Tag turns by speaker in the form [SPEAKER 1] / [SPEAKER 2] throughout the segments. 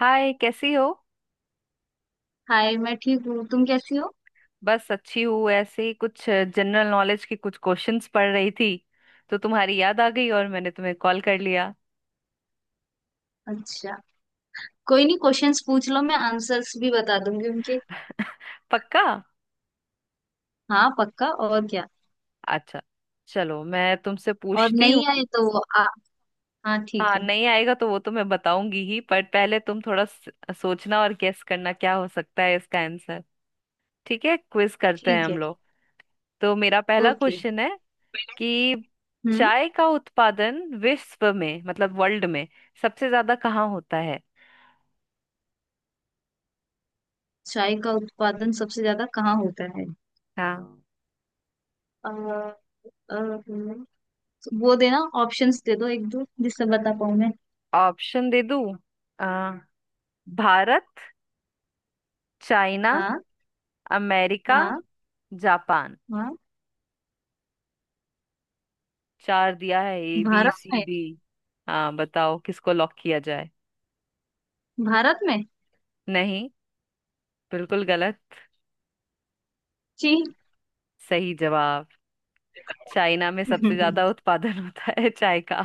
[SPEAKER 1] हाय कैसी हो।
[SPEAKER 2] हाय। मैं ठीक हूँ। तुम कैसी हो?
[SPEAKER 1] बस अच्छी हूँ, ऐसे ही कुछ जनरल नॉलेज के कुछ क्वेश्चंस पढ़ रही थी, तो तुम्हारी याद आ गई और मैंने तुम्हें कॉल कर लिया।
[SPEAKER 2] अच्छा। कोई नहीं, क्वेश्चंस पूछ लो, मैं आंसर्स भी बता दूंगी उनके।
[SPEAKER 1] पक्का।
[SPEAKER 2] हाँ, पक्का। और क्या?
[SPEAKER 1] अच्छा, चलो मैं तुमसे
[SPEAKER 2] और
[SPEAKER 1] पूछती हूँ।
[SPEAKER 2] नहीं आए तो वो आ। हाँ, ठीक
[SPEAKER 1] हाँ,
[SPEAKER 2] है।
[SPEAKER 1] नहीं आएगा तो वो तो मैं बताऊंगी ही, पर पहले तुम थोड़ा सोचना और गेस करना क्या हो सकता है इसका आंसर। ठीक है, क्विज करते हैं
[SPEAKER 2] ठीक
[SPEAKER 1] हम
[SPEAKER 2] है।
[SPEAKER 1] लोग। तो मेरा पहला
[SPEAKER 2] ओके।
[SPEAKER 1] क्वेश्चन है कि
[SPEAKER 2] हम्म।
[SPEAKER 1] चाय का उत्पादन विश्व में, मतलब वर्ल्ड में, सबसे ज्यादा कहाँ होता है।
[SPEAKER 2] चाय का उत्पादन सबसे ज्यादा कहाँ होता है?
[SPEAKER 1] हाँ,
[SPEAKER 2] अ, अ, हम्म, वो देना ऑप्शंस दे दो, एक दो, जिससे बता पाऊँ मैं।
[SPEAKER 1] ऑप्शन दे दूं। अ, भारत, चाइना,
[SPEAKER 2] हाँ।
[SPEAKER 1] अमेरिका,
[SPEAKER 2] हाँ।
[SPEAKER 1] जापान।
[SPEAKER 2] हाँ।
[SPEAKER 1] चार दिया है ए बी
[SPEAKER 2] भारत
[SPEAKER 1] सी
[SPEAKER 2] में।
[SPEAKER 1] डी हाँ बताओ, किसको लॉक किया जाए।
[SPEAKER 2] भारत में।
[SPEAKER 1] नहीं, बिल्कुल गलत।
[SPEAKER 2] चीन।
[SPEAKER 1] सही जवाब। चाइना में सबसे ज्यादा उत्पादन होता है चाय का।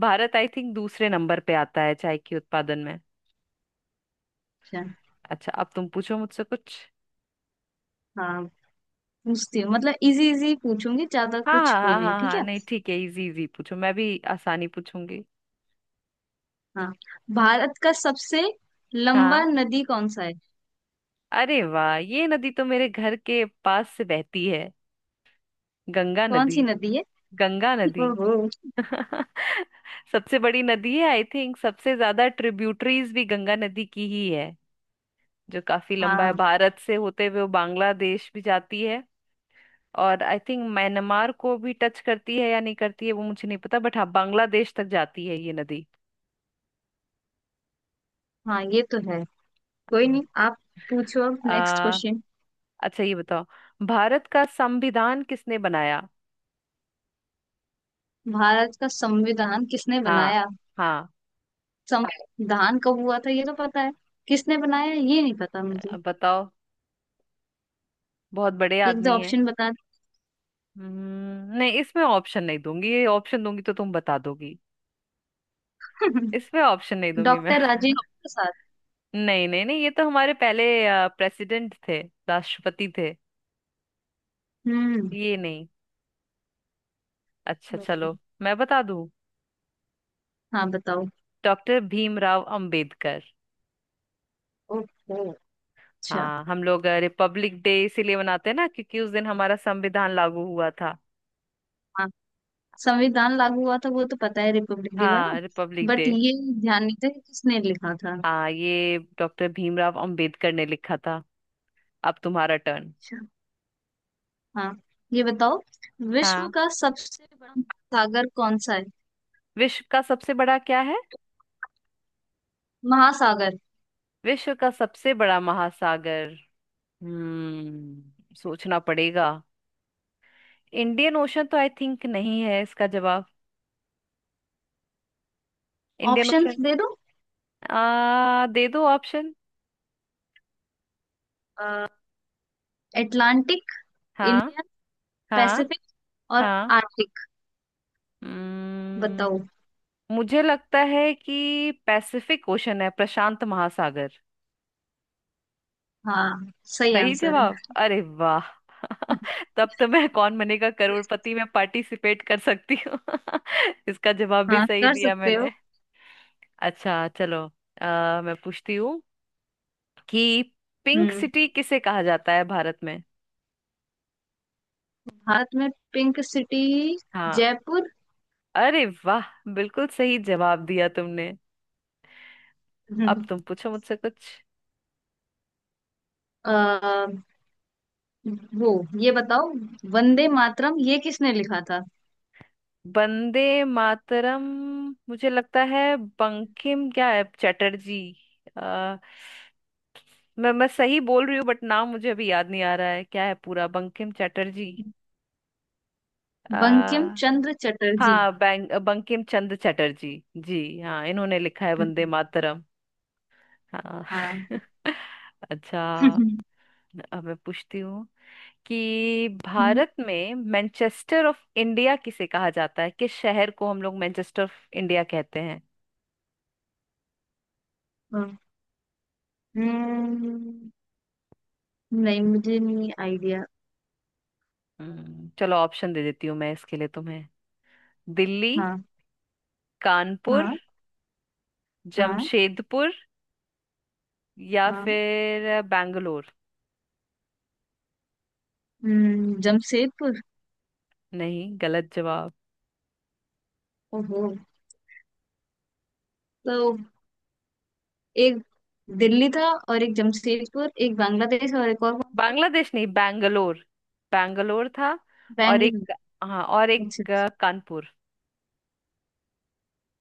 [SPEAKER 1] भारत आई थिंक दूसरे नंबर पे आता है चाय के उत्पादन में।
[SPEAKER 2] अच्छा।
[SPEAKER 1] अच्छा, अब तुम पूछो मुझसे कुछ।
[SPEAKER 2] हाँ, पूछती हूँ, मतलब इजी इजी पूछूंगी, ज्यादा
[SPEAKER 1] हाँ
[SPEAKER 2] कुछ
[SPEAKER 1] हाँ
[SPEAKER 2] वो
[SPEAKER 1] हाँ
[SPEAKER 2] नहीं,
[SPEAKER 1] हाँ
[SPEAKER 2] ठीक
[SPEAKER 1] हाँ,
[SPEAKER 2] है?
[SPEAKER 1] नहीं ठीक है, इजी इजी पूछो, मैं भी आसानी पूछूंगी।
[SPEAKER 2] हाँ। भारत का सबसे लंबा
[SPEAKER 1] हाँ,
[SPEAKER 2] नदी कौन सा है?
[SPEAKER 1] अरे वाह, ये नदी तो मेरे घर के पास से बहती है। गंगा
[SPEAKER 2] कौन
[SPEAKER 1] नदी।
[SPEAKER 2] सी नदी है?
[SPEAKER 1] गंगा नदी।
[SPEAKER 2] ओहो।
[SPEAKER 1] सबसे बड़ी नदी है आई थिंक, सबसे ज्यादा ट्रिब्यूटरीज भी गंगा नदी की ही है। जो काफी लंबा है,
[SPEAKER 2] हाँ,
[SPEAKER 1] भारत से होते हुए वो बांग्लादेश भी जाती है। और आई थिंक म्यांमार को भी टच करती है या नहीं करती है वो मुझे नहीं पता, बट हाँ बांग्लादेश तक जाती है ये नदी।
[SPEAKER 2] हाँ, ये तो है। कोई
[SPEAKER 1] हाँ।
[SPEAKER 2] नहीं, आप पूछो अब नेक्स्ट
[SPEAKER 1] आ,
[SPEAKER 2] क्वेश्चन।
[SPEAKER 1] अच्छा ये बताओ, भारत का संविधान किसने बनाया।
[SPEAKER 2] भारत का संविधान किसने
[SPEAKER 1] हाँ।
[SPEAKER 2] बनाया?
[SPEAKER 1] हाँ।
[SPEAKER 2] संविधान कब हुआ था ये तो पता है, किसने बनाया ये नहीं पता मुझे।
[SPEAKER 1] अब बताओ, बहुत बड़े
[SPEAKER 2] एक दो
[SPEAKER 1] आदमी है।
[SPEAKER 2] ऑप्शन बता
[SPEAKER 1] नहीं इसमें ऑप्शन नहीं दूंगी, ये ऑप्शन दूंगी तो तुम बता दोगी।
[SPEAKER 2] दो।
[SPEAKER 1] इसमें ऑप्शन नहीं दूंगी मैं।
[SPEAKER 2] डॉक्टर राजेंद्र प्रसाद।
[SPEAKER 1] नहीं नहीं नहीं, ये तो हमारे पहले प्रेसिडेंट थे, राष्ट्रपति थे।
[SPEAKER 2] हम्म।
[SPEAKER 1] ये नहीं। अच्छा चलो, मैं बता दूं।
[SPEAKER 2] हाँ, बताओ।
[SPEAKER 1] डॉक्टर भीमराव अंबेडकर।
[SPEAKER 2] ओहो। अच्छा।
[SPEAKER 1] हाँ, हम लोग रिपब्लिक डे इसीलिए मनाते हैं ना, क्योंकि उस दिन हमारा संविधान लागू हुआ था।
[SPEAKER 2] हाँ। संविधान लागू हुआ था वो तो पता है, रिपब्लिक डे वाला।
[SPEAKER 1] हाँ, रिपब्लिक
[SPEAKER 2] बट
[SPEAKER 1] डे।
[SPEAKER 2] ये ध्यान नहीं था कि किसने लिखा था।
[SPEAKER 1] हाँ, ये डॉक्टर भीमराव अंबेडकर ने लिखा था। अब तुम्हारा टर्न।
[SPEAKER 2] हाँ, ये बताओ, विश्व
[SPEAKER 1] हाँ।
[SPEAKER 2] का सबसे बड़ा सागर कौन सा है?
[SPEAKER 1] विश्व का सबसे बड़ा क्या है।
[SPEAKER 2] महासागर।
[SPEAKER 1] विश्व का सबसे बड़ा महासागर। हम्म, सोचना पड़ेगा। इंडियन ओशन तो आई थिंक नहीं है इसका जवाब। Indian
[SPEAKER 2] options
[SPEAKER 1] ocean.
[SPEAKER 2] दे दो।
[SPEAKER 1] आ, दे दो ऑप्शन।
[SPEAKER 2] अटलांटिक।
[SPEAKER 1] हाँ।
[SPEAKER 2] इंडियन।
[SPEAKER 1] हाँ।
[SPEAKER 2] पैसिफिक। और
[SPEAKER 1] हाँ।
[SPEAKER 2] आर्कटिक। बताओ।
[SPEAKER 1] हम्म, मुझे लगता है कि पैसिफिक ओशन है, प्रशांत महासागर।
[SPEAKER 2] हाँ, सही
[SPEAKER 1] सही
[SPEAKER 2] आंसर
[SPEAKER 1] जवाब,
[SPEAKER 2] है।
[SPEAKER 1] अरे वाह। तब तो मैं कौन बनेगा करोड़पति में पार्टिसिपेट कर सकती हूँ। इसका जवाब भी
[SPEAKER 2] हाँ,
[SPEAKER 1] सही
[SPEAKER 2] कर
[SPEAKER 1] दिया
[SPEAKER 2] सकते हो।
[SPEAKER 1] मैंने। अच्छा चलो, मैं पूछती हूँ कि पिंक
[SPEAKER 2] हम्म।
[SPEAKER 1] सिटी किसे कहा जाता है भारत में।
[SPEAKER 2] भारत में पिंक सिटी?
[SPEAKER 1] हाँ।
[SPEAKER 2] जयपुर।
[SPEAKER 1] अरे वाह, बिल्कुल सही जवाब दिया तुमने। अब
[SPEAKER 2] हम्म।
[SPEAKER 1] तुम पूछो मुझसे कुछ।
[SPEAKER 2] अ, वो ये बताओ, वंदे मातरम ये किसने लिखा था?
[SPEAKER 1] वंदे मातरम। मुझे लगता है बंकिम क्या है चटर्जी। आ, मैं सही बोल रही हूँ बट नाम मुझे अभी याद नहीं आ रहा है, क्या है पूरा, बंकिम चटर्जी।
[SPEAKER 2] बंकिम
[SPEAKER 1] आ,
[SPEAKER 2] चंद्र चटर्जी।
[SPEAKER 1] हाँ, बैंक बंकिम चंद्र चटर्जी जी, हाँ इन्होंने लिखा है वंदे
[SPEAKER 2] हम्म,
[SPEAKER 1] मातरम। हाँ।
[SPEAKER 2] हाँ।
[SPEAKER 1] अच्छा, अब मैं पूछती हूँ कि भारत में मैनचेस्टर ऑफ इंडिया किसे कहा जाता है, किस शहर को हम लोग मैनचेस्टर ऑफ इंडिया कहते हैं।
[SPEAKER 2] हम्म, हम्म, नहीं, मुझे नहीं आइडिया।
[SPEAKER 1] चलो ऑप्शन दे देती हूँ मैं इसके लिए तुम्हें। दिल्ली,
[SPEAKER 2] हाँ।
[SPEAKER 1] कानपुर,
[SPEAKER 2] हाँ। हाँ।
[SPEAKER 1] जमशेदपुर या
[SPEAKER 2] हाँ।
[SPEAKER 1] फिर बैंगलोर।
[SPEAKER 2] जमशेदपुर।
[SPEAKER 1] नहीं, गलत जवाब।
[SPEAKER 2] ओहो, तो एक दिल्ली था, और एक जमशेदपुर, एक बांग्लादेश, और एक और कौन सा?
[SPEAKER 1] बांग्लादेश नहीं, बैंगलोर। बैंगलोर था। और
[SPEAKER 2] बैंगलोर।
[SPEAKER 1] एक, हाँ और
[SPEAKER 2] अच्छा।
[SPEAKER 1] एक कानपुर।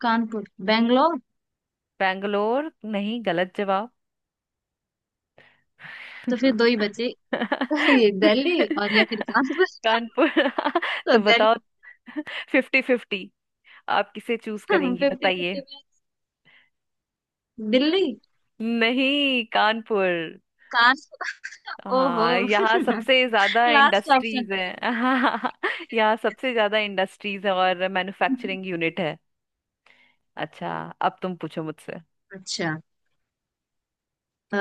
[SPEAKER 2] कानपुर, बैंगलोर।
[SPEAKER 1] बैंगलोर नहीं, गलत जवाब।
[SPEAKER 2] तो फिर दो ही बचे, ये दिल्ली और या फिर कानपुर।
[SPEAKER 1] कानपुर।
[SPEAKER 2] तो
[SPEAKER 1] तो
[SPEAKER 2] दिल्ली।
[SPEAKER 1] बताओ, फिफ्टी फिफ्टी, आप किसे चूज करेंगी
[SPEAKER 2] फिफ्टी
[SPEAKER 1] बताइए।
[SPEAKER 2] फिफ्टी में दिल्ली।
[SPEAKER 1] नहीं, कानपुर।
[SPEAKER 2] कानपुर।
[SPEAKER 1] हाँ, यहाँ
[SPEAKER 2] ओहो।
[SPEAKER 1] सबसे ज्यादा
[SPEAKER 2] लास्ट ऑप्शन।
[SPEAKER 1] इंडस्ट्रीज है। हाँ, यहाँ सबसे ज्यादा इंडस्ट्रीज है और मैन्युफैक्चरिंग यूनिट है। अच्छा, अब तुम पूछो मुझसे।
[SPEAKER 2] अच्छा। अ,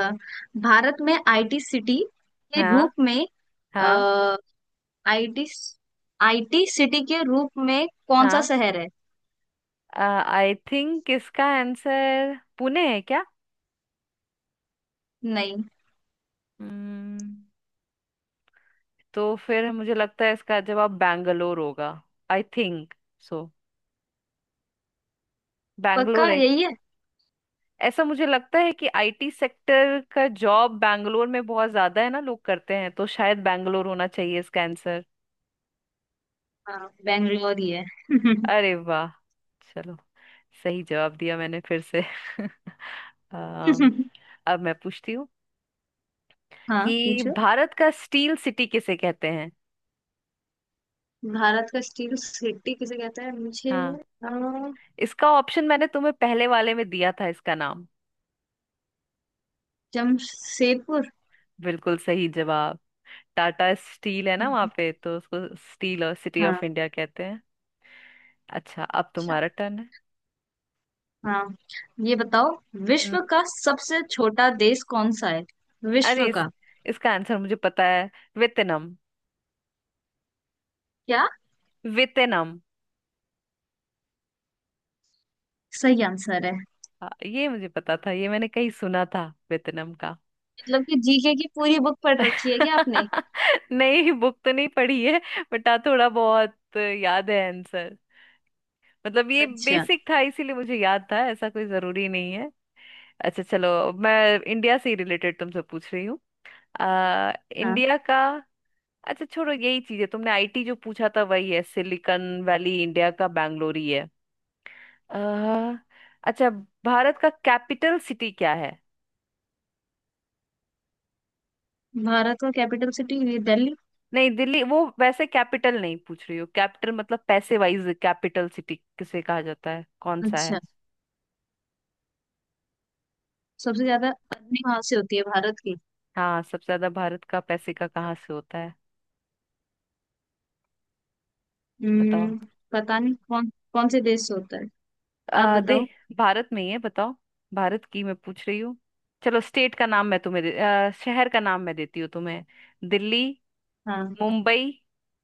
[SPEAKER 2] भारत में आईटी सिटी के
[SPEAKER 1] हाँ।
[SPEAKER 2] रूप में,
[SPEAKER 1] हाँ।
[SPEAKER 2] अ, आईटी आईटी सिटी के रूप में कौन सा
[SPEAKER 1] हाँ
[SPEAKER 2] शहर है?
[SPEAKER 1] आई थिंक इसका आंसर पुणे है क्या।
[SPEAKER 2] नहीं,
[SPEAKER 1] हम्म, तो फिर मुझे लगता है इसका जवाब बैंगलोर होगा, आई थिंक। सो बैंगलोर
[SPEAKER 2] पक्का
[SPEAKER 1] है।
[SPEAKER 2] यही है?
[SPEAKER 1] ऐसा मुझे लगता है कि आईटी सेक्टर का जॉब बैंगलोर में बहुत ज्यादा है ना, लोग करते हैं, तो शायद बैंगलोर होना चाहिए इसका आंसर।
[SPEAKER 2] हाँ, बेंगलोर ही है।
[SPEAKER 1] अरे वाह, चलो, सही जवाब दिया मैंने फिर से। आ, अब मैं पूछती हूँ
[SPEAKER 2] हाँ,
[SPEAKER 1] कि
[SPEAKER 2] पूछो।
[SPEAKER 1] भारत का स्टील सिटी किसे कहते हैं।
[SPEAKER 2] भारत का स्टील सिटी किसे कहते हैं? मुझे
[SPEAKER 1] हाँ, इसका ऑप्शन मैंने तुम्हें पहले वाले में दिया था, इसका नाम।
[SPEAKER 2] जमशेदपुर।
[SPEAKER 1] बिल्कुल सही जवाब। टाटा स्टील है ना वहां पे, तो उसको स्टील और सिटी
[SPEAKER 2] हाँ।
[SPEAKER 1] ऑफ इंडिया कहते हैं। अच्छा, अब
[SPEAKER 2] अच्छा।
[SPEAKER 1] तुम्हारा टर्न है।
[SPEAKER 2] हाँ, ये बताओ,
[SPEAKER 1] हम्म।
[SPEAKER 2] विश्व का सबसे छोटा देश कौन सा है?
[SPEAKER 1] अरे,
[SPEAKER 2] विश्व
[SPEAKER 1] इस
[SPEAKER 2] का?
[SPEAKER 1] इसका आंसर मुझे पता है। वेतनम।
[SPEAKER 2] क्या?
[SPEAKER 1] वेतनम।
[SPEAKER 2] सही आंसर है।
[SPEAKER 1] हाँ, ये मुझे पता था, ये मैंने कहीं सुना था वेतनम का।
[SPEAKER 2] मतलब कि जीके की पूरी बुक पढ़ रखी है क्या आपने?
[SPEAKER 1] नहीं, बुक तो नहीं पढ़ी है बट हाँ, थोड़ा बहुत याद है आंसर। मतलब ये
[SPEAKER 2] अच्छा।
[SPEAKER 1] बेसिक था इसीलिए मुझे याद था, ऐसा कोई जरूरी नहीं है। अच्छा चलो, मैं इंडिया से ही रिलेटेड तुमसे पूछ रही हूँ। आ,
[SPEAKER 2] हाँ,
[SPEAKER 1] इंडिया का, अच्छा छोड़ो, यही चीज है, तुमने आईटी जो पूछा था वही है, सिलिकॉन वैली इंडिया का बैंगलोर ही है। अह, अच्छा, भारत का कैपिटल सिटी क्या है।
[SPEAKER 2] भारत का कैपिटल सिटी दिल्ली।
[SPEAKER 1] नहीं, दिल्ली वो वैसे कैपिटल नहीं पूछ रही हो, कैपिटल मतलब पैसे वाइज कैपिटल सिटी किसे कहा जाता है, कौन सा है।
[SPEAKER 2] अच्छा। सबसे ज्यादा अग्नि वहां से होती है भारत की।
[SPEAKER 1] हाँ, सबसे ज्यादा भारत का पैसे का कहाँ से होता है। बताओ।
[SPEAKER 2] हम्म। पता नहीं, कौन कौन से देश से होता है। आप
[SPEAKER 1] आ, दे
[SPEAKER 2] बताओ।
[SPEAKER 1] भारत में ही है, बताओ, भारत की मैं पूछ रही हूँ। चलो स्टेट का नाम मैं तुम्हें शहर का नाम मैं देती हूँ तुम्हें। दिल्ली,
[SPEAKER 2] हाँ।
[SPEAKER 1] मुंबई,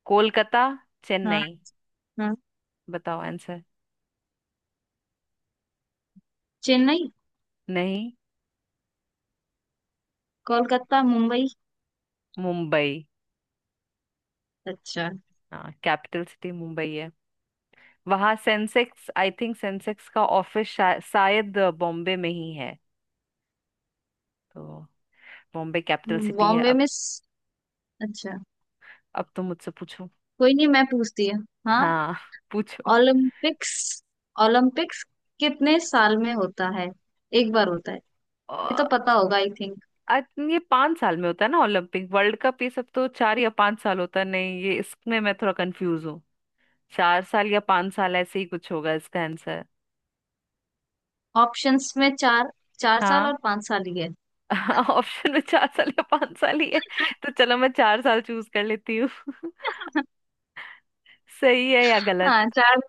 [SPEAKER 1] कोलकाता,
[SPEAKER 2] हाँ।
[SPEAKER 1] चेन्नई।
[SPEAKER 2] हाँ।
[SPEAKER 1] बताओ आंसर।
[SPEAKER 2] चेन्नई।
[SPEAKER 1] नहीं,
[SPEAKER 2] कोलकाता, मुंबई।
[SPEAKER 1] मुंबई।
[SPEAKER 2] अच्छा।
[SPEAKER 1] हाँ, कैपिटल सिटी मुंबई है। वहाँ सेंसेक्स, आई थिंक सेंसेक्स का ऑफिस शायद बॉम्बे में ही है। तो बॉम्बे कैपिटल सिटी है
[SPEAKER 2] बॉम्बे
[SPEAKER 1] अब।
[SPEAKER 2] में स- अच्छा।
[SPEAKER 1] अब तुम मुझसे पूछो।
[SPEAKER 2] कोई नहीं, मैं पूछती है। हाँ।
[SPEAKER 1] हाँ। पूछो।
[SPEAKER 2] ओलंपिक्स ओलंपिक्स कितने साल में होता है? एक बार होता है?
[SPEAKER 1] अ,
[SPEAKER 2] ये तो पता होगा आई थिंक।
[SPEAKER 1] अ, ये 5 साल में होता है ना, ओलंपिक वर्ल्ड कप ये सब तो 4 या 5 साल होता है, नहीं ये इसमें मैं थोड़ा कंफ्यूज हूँ। चार साल या पांच साल ऐसे ही कुछ होगा इसका आंसर।
[SPEAKER 2] ऑप्शंस में चार चार साल
[SPEAKER 1] हाँ।
[SPEAKER 2] और 5 साल ही है।
[SPEAKER 1] हाँ, ऑप्शन में 4 साल या 5 साल ही है, तो चलो मैं 4 साल चूज कर लेती हूँ। सही है या गलत।
[SPEAKER 2] हाँ, चार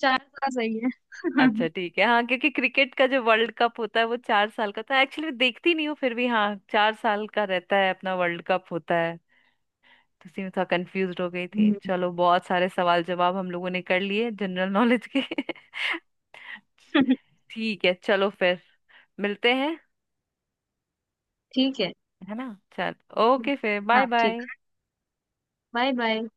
[SPEAKER 2] चार साल सही है।
[SPEAKER 1] अच्छा ठीक है, हाँ क्योंकि क्रिकेट का जो वर्ल्ड कप होता है वो 4 साल का था, एक्चुअली देखती नहीं हूँ फिर भी, हाँ 4 साल का रहता है अपना, वर्ल्ड कप होता है। तो उसी में थोड़ा कंफ्यूज हो गई थी।
[SPEAKER 2] हम्म।
[SPEAKER 1] चलो बहुत सारे सवाल जवाब हम लोगों ने कर लिए जनरल नॉलेज के। ठीक है, चलो फिर मिलते हैं,
[SPEAKER 2] ठीक है।
[SPEAKER 1] है ना। चल, ओके फिर, बाय
[SPEAKER 2] हाँ, ठीक।
[SPEAKER 1] बाय।
[SPEAKER 2] Bye bye.